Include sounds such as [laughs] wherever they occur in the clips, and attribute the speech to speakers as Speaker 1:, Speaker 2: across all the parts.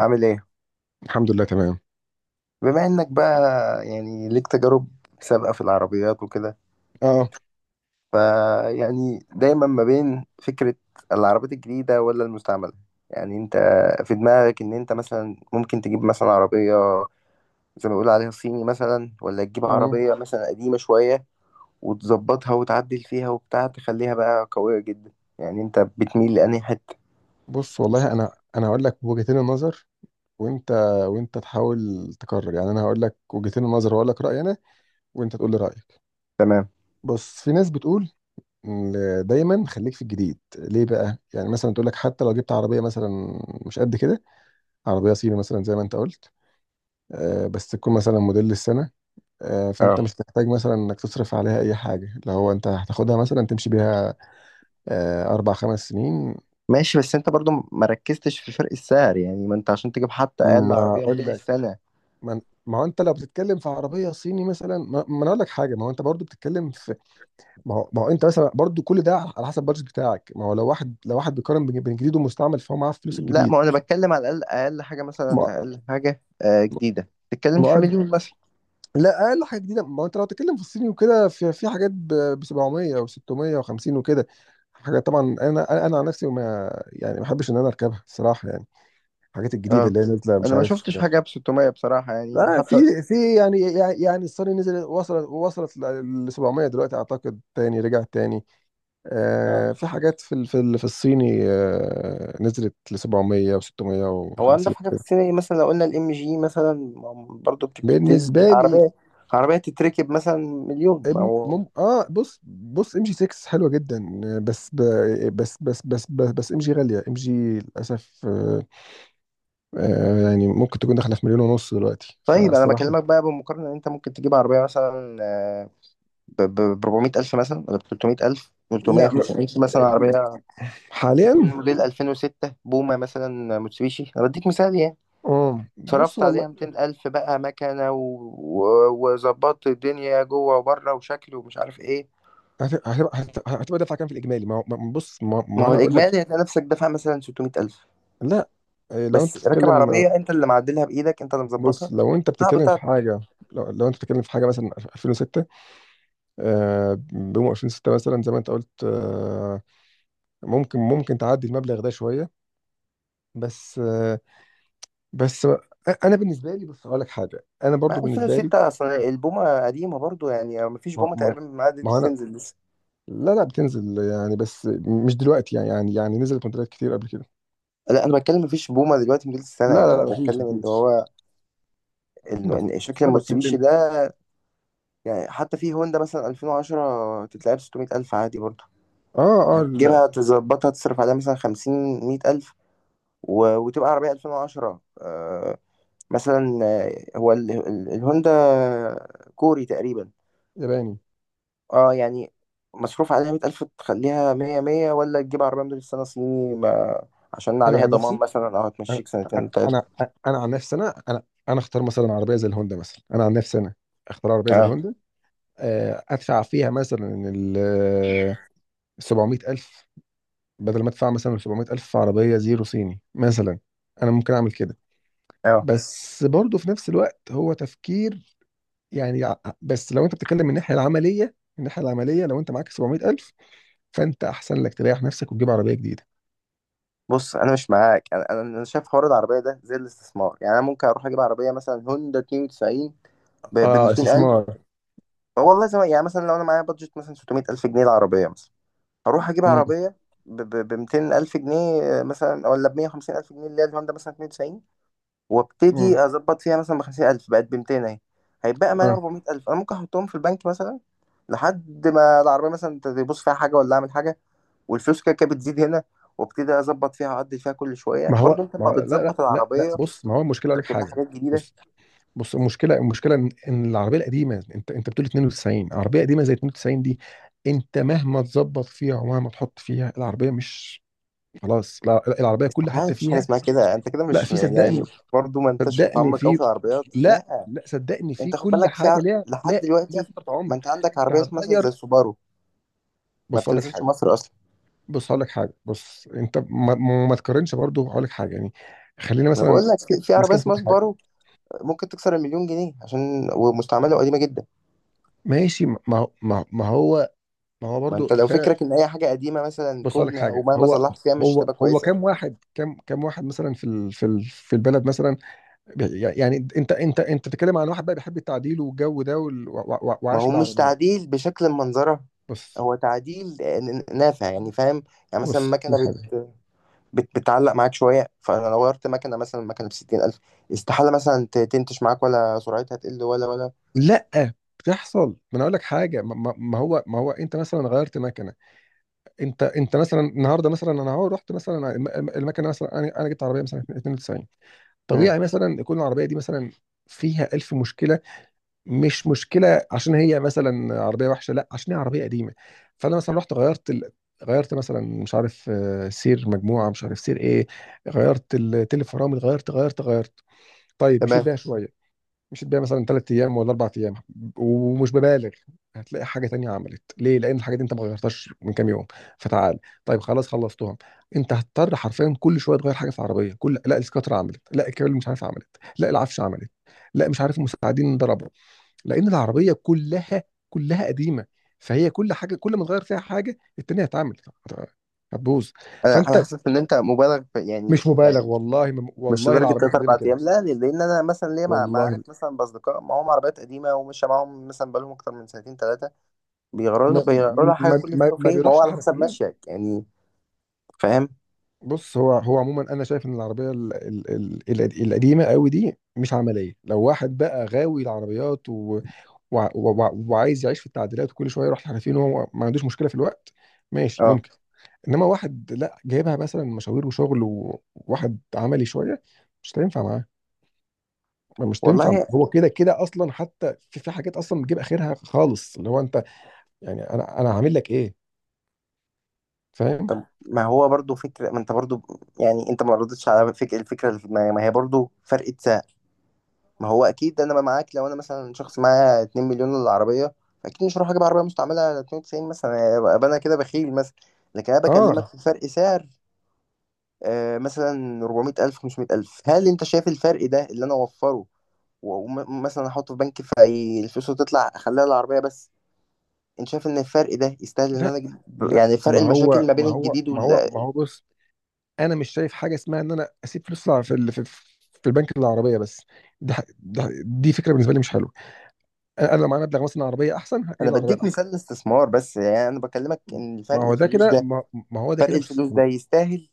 Speaker 1: عامل ايه؟
Speaker 2: الحمد لله تمام.
Speaker 1: بما انك بقى يعني ليك تجارب سابقة في العربيات وكده،
Speaker 2: اه
Speaker 1: فيعني دايما ما بين فكرة العربيات الجديدة ولا المستعملة، يعني انت في دماغك ان انت مثلا ممكن تجيب مثلا عربية زي ما بيقولوا عليها صيني مثلا، ولا تجيب
Speaker 2: مم.
Speaker 1: عربية مثلا قديمة شوية وتظبطها وتعدل فيها وبتاع تخليها بقى قوية جدا. يعني انت بتميل لأنهي حتة؟
Speaker 2: بص والله انا هقول لك وجهتين النظر، وانت وانت تحاول تقرر. يعني انا هقول لك وجهتين النظر وهقول لك رايي انا وانت تقول لي رايك.
Speaker 1: تمام.
Speaker 2: بص، في ناس بتقول إن دايما خليك في الجديد. ليه بقى؟ يعني مثلا تقول لك حتى لو جبت عربيه مثلا، مش قد كده، عربيه صيني مثلا زي ما انت قلت، آه، بس تكون مثلا موديل السنه، آه، فانت
Speaker 1: اه.
Speaker 2: مش هتحتاج مثلا انك تصرف عليها اي حاجه لو هو انت هتاخدها مثلا تمشي بيها آه اربع خمس سنين.
Speaker 1: ماشي، بس انت برضو ما ركزتش في فرق السعر، يعني ما انت عشان تجيب حتى اقل
Speaker 2: ما
Speaker 1: عربية
Speaker 2: اقول
Speaker 1: موديل
Speaker 2: لك،
Speaker 1: السنة.
Speaker 2: ما هو انت لو بتتكلم في عربيه صيني مثلا، ما انا اقول لك حاجه، ما هو انت برضو بتتكلم في، ما هو انت مثلا برضو كل ده على حسب البادجت بتاعك. ما هو لو واحد، لو واحد بيقارن بين، بين جديد ومستعمل، فهو معاه فلوس
Speaker 1: لا،
Speaker 2: الجديد.
Speaker 1: ما انا بتكلم على الاقل، اقل حاجه مثلا،
Speaker 2: ما
Speaker 1: اقل حاجه جديده تتكلم
Speaker 2: ما
Speaker 1: في
Speaker 2: هو-
Speaker 1: مليون مثلا.
Speaker 2: لا، اقل حاجه جديده، ما هو انت لو بتتكلم في الصيني وكده، في في حاجات ب 700 و650 وكده حاجات. طبعا انا عن نفسي، ما يعني ما بحبش ان انا اركبها الصراحه، يعني الحاجات الجديده
Speaker 1: اه.
Speaker 2: اللي هي نازله مش
Speaker 1: انا ما
Speaker 2: عارف.
Speaker 1: شفتش حاجه ب 600 بصراحه يعني
Speaker 2: لا،
Speaker 1: حتى.
Speaker 2: في في يعني، يعني الصيني نزل، وصلت ل 700 دلوقتي، اعتقد تاني رجعت تاني.
Speaker 1: اه،
Speaker 2: آه، في حاجات في في الصيني، آه، نزلت ل 700 و
Speaker 1: هو
Speaker 2: 650
Speaker 1: انضف حاجه في
Speaker 2: كده.
Speaker 1: السينما إيه؟ مثلا لو قلنا الام جي مثلا برضو بتبتدي
Speaker 2: بالنسبه لي
Speaker 1: عربيه، عربيه تتركب مثلا مليون ما هو.
Speaker 2: بص، ام جي 6 حلوه جدا آه، بس ب بس بس بس بس, بس ام جي غاليه، ام جي للاسف آه. آه يعني ممكن تكون داخله في مليون ونص دلوقتي
Speaker 1: طيب انا بكلمك
Speaker 2: فالصراحه.
Speaker 1: بقى بمقارنه ان انت ممكن تجيب عربيه مثلا ب 400 الف مثلا، ولا ب 300 الف، 300،
Speaker 2: لا م-
Speaker 1: 500 مثلا، عربيه تكون
Speaker 2: حاليا.
Speaker 1: موديل 2006 بومه مثلا، موتسوبيشي، انا بديك مثال يعني.
Speaker 2: اه بص
Speaker 1: صرفت
Speaker 2: والله،
Speaker 1: عليها 200,000 بقى مكنة، وظبطت الدنيا جوه وبره وشكل ومش عارف ايه.
Speaker 2: هتبقى دفعه كام في الاجمالي؟ ما هو- ما- بص، ما,
Speaker 1: ما
Speaker 2: ما
Speaker 1: هو
Speaker 2: انا اقول لك.
Speaker 1: الإجمالي هتلاقي نفسك دافع مثلا 600,000.
Speaker 2: لا إيه، لو انت
Speaker 1: بس راكب
Speaker 2: بتتكلم،
Speaker 1: عربية أنت اللي معدلها بإيدك، أنت اللي
Speaker 2: بص
Speaker 1: مظبطها.
Speaker 2: لو انت
Speaker 1: صعب
Speaker 2: بتتكلم في
Speaker 1: تعطل.
Speaker 2: حاجه، لو انت بتتكلم في حاجه مثلا 2006 آه، بيوم 2006 مثلا زي ما انت قلت آه، ممكن تعدي المبلغ ده شويه. بس آه، بس انا بالنسبه لي، بص اقول لك حاجه، انا برضو
Speaker 1: ما
Speaker 2: بالنسبه لي،
Speaker 1: 2006 أصل البومة قديمة برضو، يعني ما فيش
Speaker 2: ما
Speaker 1: بومة
Speaker 2: ما
Speaker 1: تقريبا معدت
Speaker 2: ما هو انا
Speaker 1: بتنزل لسه.
Speaker 2: لا لا، بتنزل يعني، بس مش دلوقتي يعني، يعني نزلت موديلات كتير قبل كده.
Speaker 1: لا، أنا بتكلم ما فيش بومة دلوقتي موديل
Speaker 2: لا
Speaker 1: السنة، يعني
Speaker 2: لا لا
Speaker 1: أنا
Speaker 2: مفيش
Speaker 1: بتكلم إن
Speaker 2: مفيش.
Speaker 1: هو
Speaker 2: بس بس
Speaker 1: شكل
Speaker 2: انا بتكلم.
Speaker 1: الموتسوبيشي ده. يعني حتى في هوندا مثلا 2010 تتلعب 600,000 عادي برضو.
Speaker 2: اه.
Speaker 1: هتجيبها تظبطها تصرف عليها مثلا خمسين، مية ألف، وتبقى عربية ألفين وعشرة مثلا هو الهوندا كوري تقريبا.
Speaker 2: ياباني.
Speaker 1: اه يعني، مصروف عليها مية ألف تخليها مية مية، ولا تجيب عربية موديل السنة صيني ما... عشان
Speaker 2: انا
Speaker 1: عليها
Speaker 2: عن
Speaker 1: ضمان
Speaker 2: نفسي
Speaker 1: مثلا، أو
Speaker 2: انا
Speaker 1: هتمشيك سنتين تلاتة.
Speaker 2: انا انا عن نفسي انا انا انا اختار مثلا عربيه زي الهوندا مثلا. انا عن نفسي انا اختار عربيه زي
Speaker 1: اه
Speaker 2: الهوندا، آه، ادفع فيها مثلا ال 700000، بدل ما ادفع مثلا 700000 في عربيه زيرو صيني مثلا. انا ممكن اعمل كده.
Speaker 1: اه.
Speaker 2: بس برضه في نفس الوقت هو تفكير، يعني ع- بس لو انت بتتكلم من الناحيه العمليه، من الناحيه العمليه لو انت معاك 700000، فانت احسن لك تريح نفسك وتجيب عربيه جديده.
Speaker 1: بص، أنا مش معاك، أنا شايف حوار العربية ده زي الاستثمار. يعني أنا ممكن أروح أجيب عربية مثلا هوندا 92 ب
Speaker 2: اه
Speaker 1: 200 ألف.
Speaker 2: استثمار.
Speaker 1: والله زي ما يعني مثلا لو أنا معايا بادجت مثلا 600 ألف جنيه العربية مثلا، هروح اجيب
Speaker 2: امم.
Speaker 1: عربيه ب 200 الف جنيه مثلا، ولا ب 150 الف جنيه، اللي هي الهوندا مثلا 92.
Speaker 2: امم.
Speaker 1: وابتدي اظبط فيها مثلا ب 50 الف، بقت ب 200 اهي. هيبقى معايا
Speaker 2: اه
Speaker 1: 400 الف انا ممكن احطهم في البنك مثلا لحد ما العربيه مثلا تبص فيها حاجه ولا اعمل حاجه، والفلوس كده كده بتزيد هنا. وابتدي اظبط فيها اعدل فيها كل شويه،
Speaker 2: ما هو
Speaker 1: برضو انت
Speaker 2: ما
Speaker 1: لما
Speaker 2: هو لا لا
Speaker 1: بتظبط
Speaker 2: لا لا
Speaker 1: العربيه
Speaker 2: بص، ما هو المشكله، اقول لك
Speaker 1: بتركب لها
Speaker 2: حاجه.
Speaker 1: حاجات جديده.
Speaker 2: بص بص المشكله، المشكله ان، إن العربيه القديمه، انت بتقول 92 عربيه قديمه زي 92 دي، انت مهما تظبط فيها ومهما تحط فيها، العربيه مش، خلاص لا، العربيه كل
Speaker 1: استحاله،
Speaker 2: حته
Speaker 1: مفيش حاجه
Speaker 2: فيها.
Speaker 1: اسمها كده، انت كده
Speaker 2: لا
Speaker 1: مش
Speaker 2: في،
Speaker 1: يعني،
Speaker 2: صدقني.
Speaker 1: برضو ما انتش
Speaker 2: صدقني
Speaker 1: متعمق قوي
Speaker 2: في.
Speaker 1: في العربيات،
Speaker 2: لا
Speaker 1: لا.
Speaker 2: لا صدقني، في
Speaker 1: انت خد
Speaker 2: كل
Speaker 1: بالك في
Speaker 2: حاجه ليها،
Speaker 1: لحد
Speaker 2: لا ليها
Speaker 1: دلوقتي
Speaker 2: فتره
Speaker 1: ما
Speaker 2: عمر.
Speaker 1: انت عندك
Speaker 2: انت
Speaker 1: عربيه اسمها مثلا زي
Speaker 2: هتغير.
Speaker 1: السوبارو ما
Speaker 2: بص اقول لك
Speaker 1: بتنزلش
Speaker 2: حاجه.
Speaker 1: مصر اصلا.
Speaker 2: بص اقول لك حاجه. بص انت ما تقارنش برضه، هقول لك حاجه يعني. خلينا
Speaker 1: انا
Speaker 2: مثلا
Speaker 1: بقول لك،
Speaker 2: ماسكين
Speaker 1: في عربيه
Speaker 2: ماسكين
Speaker 1: اسمها
Speaker 2: حاجه.
Speaker 1: سوبارو ممكن تكسر المليون جنيه عشان ومستعمله قديمه جدا.
Speaker 2: ماشي ما هو ما هو
Speaker 1: ما
Speaker 2: برضو
Speaker 1: انت لو
Speaker 2: ده.
Speaker 1: فكرك ان اي حاجه قديمه مثلا
Speaker 2: بص أقول لك
Speaker 1: كهنه او
Speaker 2: حاجه.
Speaker 1: مهما
Speaker 2: هو
Speaker 1: صلحت فيها مش
Speaker 2: هو
Speaker 1: هتبقى
Speaker 2: هو
Speaker 1: كويسه.
Speaker 2: كام واحد، كام واحد مثلا في ال في البلد مثلا؟ يعني انت بتتكلم عن واحد بقى بيحب التعديل والجو ده
Speaker 1: ما
Speaker 2: وعايش
Speaker 1: هو مش
Speaker 2: العربيه.
Speaker 1: تعديل بشكل، منظرها
Speaker 2: بص
Speaker 1: هو تعديل نافع، يعني فاهم، يعني مثلا
Speaker 2: بص أقول
Speaker 1: مكنه
Speaker 2: لك حاجه.
Speaker 1: بتعلق معاك شويه، فانا لو غيرت مكنه مثلا، مكنه ب 60,000 استحاله مثلا تنتش معاك ولا سرعتها تقل ولا.
Speaker 2: لا بتحصل، ما انا اقول لك حاجه، ما هو انت مثلا غيرت مكنه. انت مثلا النهارده مثلا، انا اهو رحت مثلا المكنه مثلا، انا جبت عربيه مثلا 92،
Speaker 1: مم.
Speaker 2: طبيعي مثلا يكون العربيه دي مثلا فيها 1000 مشكله. مش مشكله عشان هي مثلا عربيه وحشه، لا، عشان هي عربيه قديمه. فانا مثلا رحت غيرت غيرت مثلا مش عارف آه، سير مجموعه، مش عارف سير ايه، غيرت التل، فرامل، غيرت غيرت. طيب مشيت
Speaker 1: تمام.
Speaker 2: بيها شويه، مشيت بيها مثلا ثلاث ايام ولا اربع ايام، ومش ببالغ، هتلاقي حاجه تانية عملت ليه، لان الحاجه دي انت ما غيرتهاش من كام يوم. فتعال، طيب خلاص خلصتهم. انت هتضطر حرفيا كل شويه تغير حاجه في العربيه، كل لا السكاتر عملت، لا الكابل مش عارف عملت، لا العفش عملت، لا مش عارف المساعدين ضربوا. لان العربيه كلها، كلها قديمه. فهي كل حاجه، كل ما تغير فيها حاجه التانيه هتعمل، هت- هتبوظ.
Speaker 1: انا
Speaker 2: فانت
Speaker 1: حاسس ان انت مبالغ في يعني،
Speaker 2: مش مبالغ والله ما-
Speaker 1: مش
Speaker 2: والله،
Speaker 1: لدرجه
Speaker 2: العربيه
Speaker 1: ثلاث
Speaker 2: القديمه
Speaker 1: اربع
Speaker 2: كده.
Speaker 1: ايام، لا. لان انا مثلا ليا معارف
Speaker 2: والله
Speaker 1: مثلا، باصدقاء معاهم عربيات قديمه، ومش معاهم مثلا بقالهم اكتر من سنتين ثلاثه،
Speaker 2: ما
Speaker 1: بيغيروا لها حاجه
Speaker 2: ما
Speaker 1: كل فين
Speaker 2: ما, ما
Speaker 1: وفين، ما هو
Speaker 2: بيروحش
Speaker 1: على حسب
Speaker 2: الحرفيين.
Speaker 1: ماشيك يعني. فاهم.
Speaker 2: بص هو، هو عموما انا شايف ان العربيه ال القديمه قوي دي مش عمليه. لو واحد بقى غاوي العربيات وعايز يعيش في التعديلات، وكل شويه يروح الحرفيين، وهو ما عندوش مشكله في الوقت، ماشي
Speaker 1: اه.
Speaker 2: ممكن. انما واحد لا، جايبها مثلا مشاوير وشغل وواحد عملي شويه، مش هتنفع معاه، مش تنفع معاه.
Speaker 1: والله.
Speaker 2: هو كده كده اصلا حتى في في حاجات اصلا بتجيب اخرها خالص، اللي هو انت يعني انا عامل لك ايه؟ فاهم.
Speaker 1: طب ما هو برضو فكره، ما انت برضو يعني، انت ما ردتش على فكره، الفكره اللي في دماغي ما هي برضو فرقه. ما هو اكيد انا بقى معاك لو انا مثلا شخص معايا 2 مليون للعربيه، اكيد مش هروح اجيب عربيه مستعمله على 92 مثلا، ابقى انا كده بخيل مثلا. لكن انا بكلمك
Speaker 2: اه
Speaker 1: في فرق سعر مثلا 400,000، 500,000، هل انت شايف الفرق ده اللي انا اوفره ومثلا احطه في بنك، فالفلوس تطلع، اخليها العربيه بس. انت شايف ان الفرق ده يستاهل ان انا
Speaker 2: لا
Speaker 1: اجيب،
Speaker 2: لا
Speaker 1: يعني فرق
Speaker 2: ما هو
Speaker 1: المشاكل ما بين
Speaker 2: ما هو
Speaker 1: الجديد
Speaker 2: ما
Speaker 1: وال...
Speaker 2: هو ما هو بص، انا مش شايف حاجه اسمها ان انا اسيب فلوس في في البنك العربيه بس. دي فكره بالنسبه لي مش حلوه. انا لو معايا مبلغ مثلا عربيه، احسن
Speaker 1: انا
Speaker 2: هجيب العربيه
Speaker 1: بديك
Speaker 2: الاحسن.
Speaker 1: مثال الاستثمار بس، يعني انا بكلمك ان
Speaker 2: ما هو ده كده، ما ما هو ده
Speaker 1: فرق
Speaker 2: كده مش.
Speaker 1: الفلوس ده يستاهل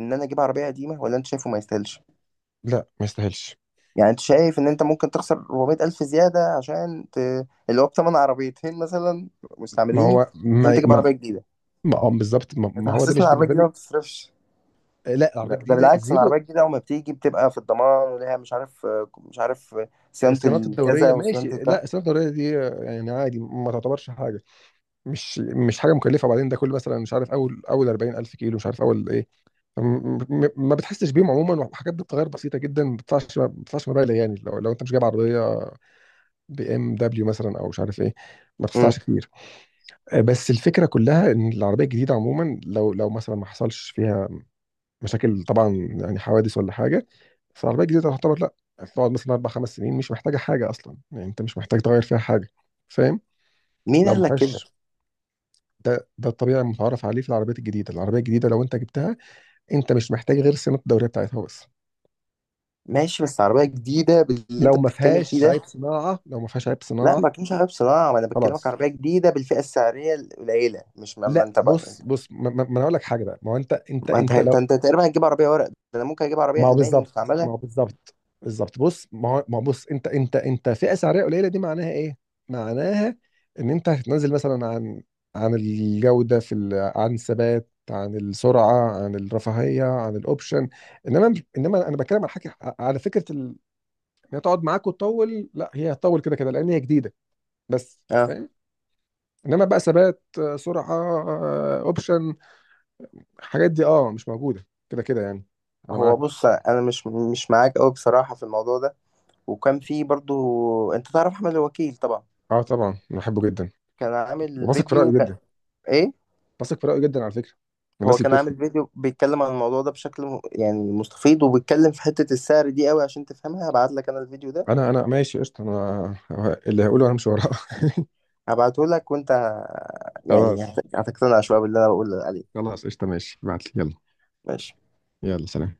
Speaker 1: ان انا اجيب عربيه قديمه، ولا انت شايفه ما يستاهلش.
Speaker 2: لا ما يستاهلش.
Speaker 1: يعني انت شايف ان انت ممكن تخسر 400 الف زياده عشان اللي هو بثمن عربيتين مثلا
Speaker 2: ما
Speaker 1: مستعملين
Speaker 2: هو
Speaker 1: عشان
Speaker 2: ما
Speaker 1: تجيب
Speaker 2: ما
Speaker 1: عربيه جديده.
Speaker 2: ما آه، بالظبط، ما
Speaker 1: انت
Speaker 2: ما هو ده
Speaker 1: حاسسني
Speaker 2: مش
Speaker 1: العربيه
Speaker 2: بالنسبه
Speaker 1: الجديده
Speaker 2: لي.
Speaker 1: ما بتصرفش؟
Speaker 2: آه لا،
Speaker 1: ده,
Speaker 2: العربيه
Speaker 1: ده
Speaker 2: جديده
Speaker 1: بالعكس، إن العربيه
Speaker 2: زيرو.
Speaker 1: الجديده اول ما بتيجي بتبقى في الضمان وليها، مش عارف، مش عارف
Speaker 2: آه،
Speaker 1: صيانه
Speaker 2: صيانات الدوريه
Speaker 1: الكذا
Speaker 2: ماشي.
Speaker 1: وصيانه الكذا.
Speaker 2: لا الصيانات الدوريه دي آه، يعني عادي، ما تعتبرش حاجه. مش حاجه مكلفه. وبعدين ده كل مثلا مش عارف، اول 40000 كيلو مش عارف اول ايه، ما بتحسش بيهم عموما، وحاجات بتتغير بسيطه جدا، ما بتدفعش، ما بتدفعش مبالغ. يعني لو انت مش جايب عربيه بي ام دبليو مثلا او مش عارف ايه، ما
Speaker 1: مم.
Speaker 2: بتدفعش كتير. آه، بس الفكره كلها ان العربيه الجديده عموما، لو مثلا ما حصلش فيها مشاكل طبعا، يعني حوادث ولا حاجه، بس العربيه الجديده تعتبر لا، هتقعد مثلا اربع خمس سنين مش محتاجه حاجه اصلا. يعني انت مش محتاج تغير فيها حاجه، فاهم؟
Speaker 1: مين
Speaker 2: لو ما
Speaker 1: قال لك كده؟
Speaker 2: فيهاش، ده ده الطبيعي المتعارف عليه في العربيات الجديده. العربيه الجديده لو انت جبتها، انت مش محتاج غير صيانه الدوريه بتاعتها بس،
Speaker 1: ماشي بس عربيه جديده باللي
Speaker 2: لو
Speaker 1: انت
Speaker 2: ما
Speaker 1: بتتكلم فيه
Speaker 2: فيهاش
Speaker 1: ده،
Speaker 2: عيب صناعه، لو ما فيهاش عيب
Speaker 1: لا
Speaker 2: صناعه.
Speaker 1: ما كانش عربيه صناعه، ما انا بكلمك
Speaker 2: خلاص.
Speaker 1: عربيه جديده بالفئه السعريه القليله، مش ما
Speaker 2: لا
Speaker 1: انت بقى.
Speaker 2: بص ما انا اقول لك حاجه بقى، ما هو انت، انت
Speaker 1: ما انت
Speaker 2: انت لو،
Speaker 1: ده انت تقريبا هتجيب عربيه ورق، ده انا ممكن اجيب
Speaker 2: ما
Speaker 1: عربيه
Speaker 2: هو
Speaker 1: الماني
Speaker 2: بالظبط، ما
Speaker 1: مستعمله.
Speaker 2: هو بالظبط بالظبط بص، ما هو بص، انت فئه سعريه قليله دي معناها ايه؟ معناها ان انت هتنزل مثلا عن، عن الجوده في عن الثبات، عن السرعه، عن الرفاهيه، عن الاوبشن. انما انا بتكلم على حاجه، على فكره ان هي تقعد معاك وتطول، لا هي هتطول كده كده لان هي جديده بس،
Speaker 1: اه.
Speaker 2: فاهم؟ انما بقى ثبات، آه، سرعه، آه، اوبشن، الحاجات دي اه مش موجوده كده كده يعني. انا
Speaker 1: هو
Speaker 2: معاك.
Speaker 1: بص انا مش معاك قوي بصراحه في الموضوع ده. وكان في برضو، انت تعرف احمد الوكيل طبعا،
Speaker 2: اه طبعا أنا بحبه جدا.
Speaker 1: كان عامل
Speaker 2: وبثق في رايه
Speaker 1: فيديو كان،
Speaker 2: جدا.
Speaker 1: ايه.
Speaker 2: بثق في رأيه جدا على فكرة، من الناس
Speaker 1: هو
Speaker 2: اللي
Speaker 1: كان
Speaker 2: بتفهم.
Speaker 1: عامل فيديو بيتكلم عن الموضوع ده بشكل يعني مستفيض، وبيتكلم في حته السعر دي قوي عشان تفهمها، هبعت لك انا الفيديو ده،
Speaker 2: انا ماشي قشطة. انا اللي هقوله، انا مش وراه.
Speaker 1: هبعته لك وانت
Speaker 2: [laughs]
Speaker 1: يعني
Speaker 2: خلاص.
Speaker 1: هتقتنع شويه باللي انا بقول عليه.
Speaker 2: خلاص قشطة ماشي، ابعت لي يلا.
Speaker 1: ماشي.
Speaker 2: يلا سلام.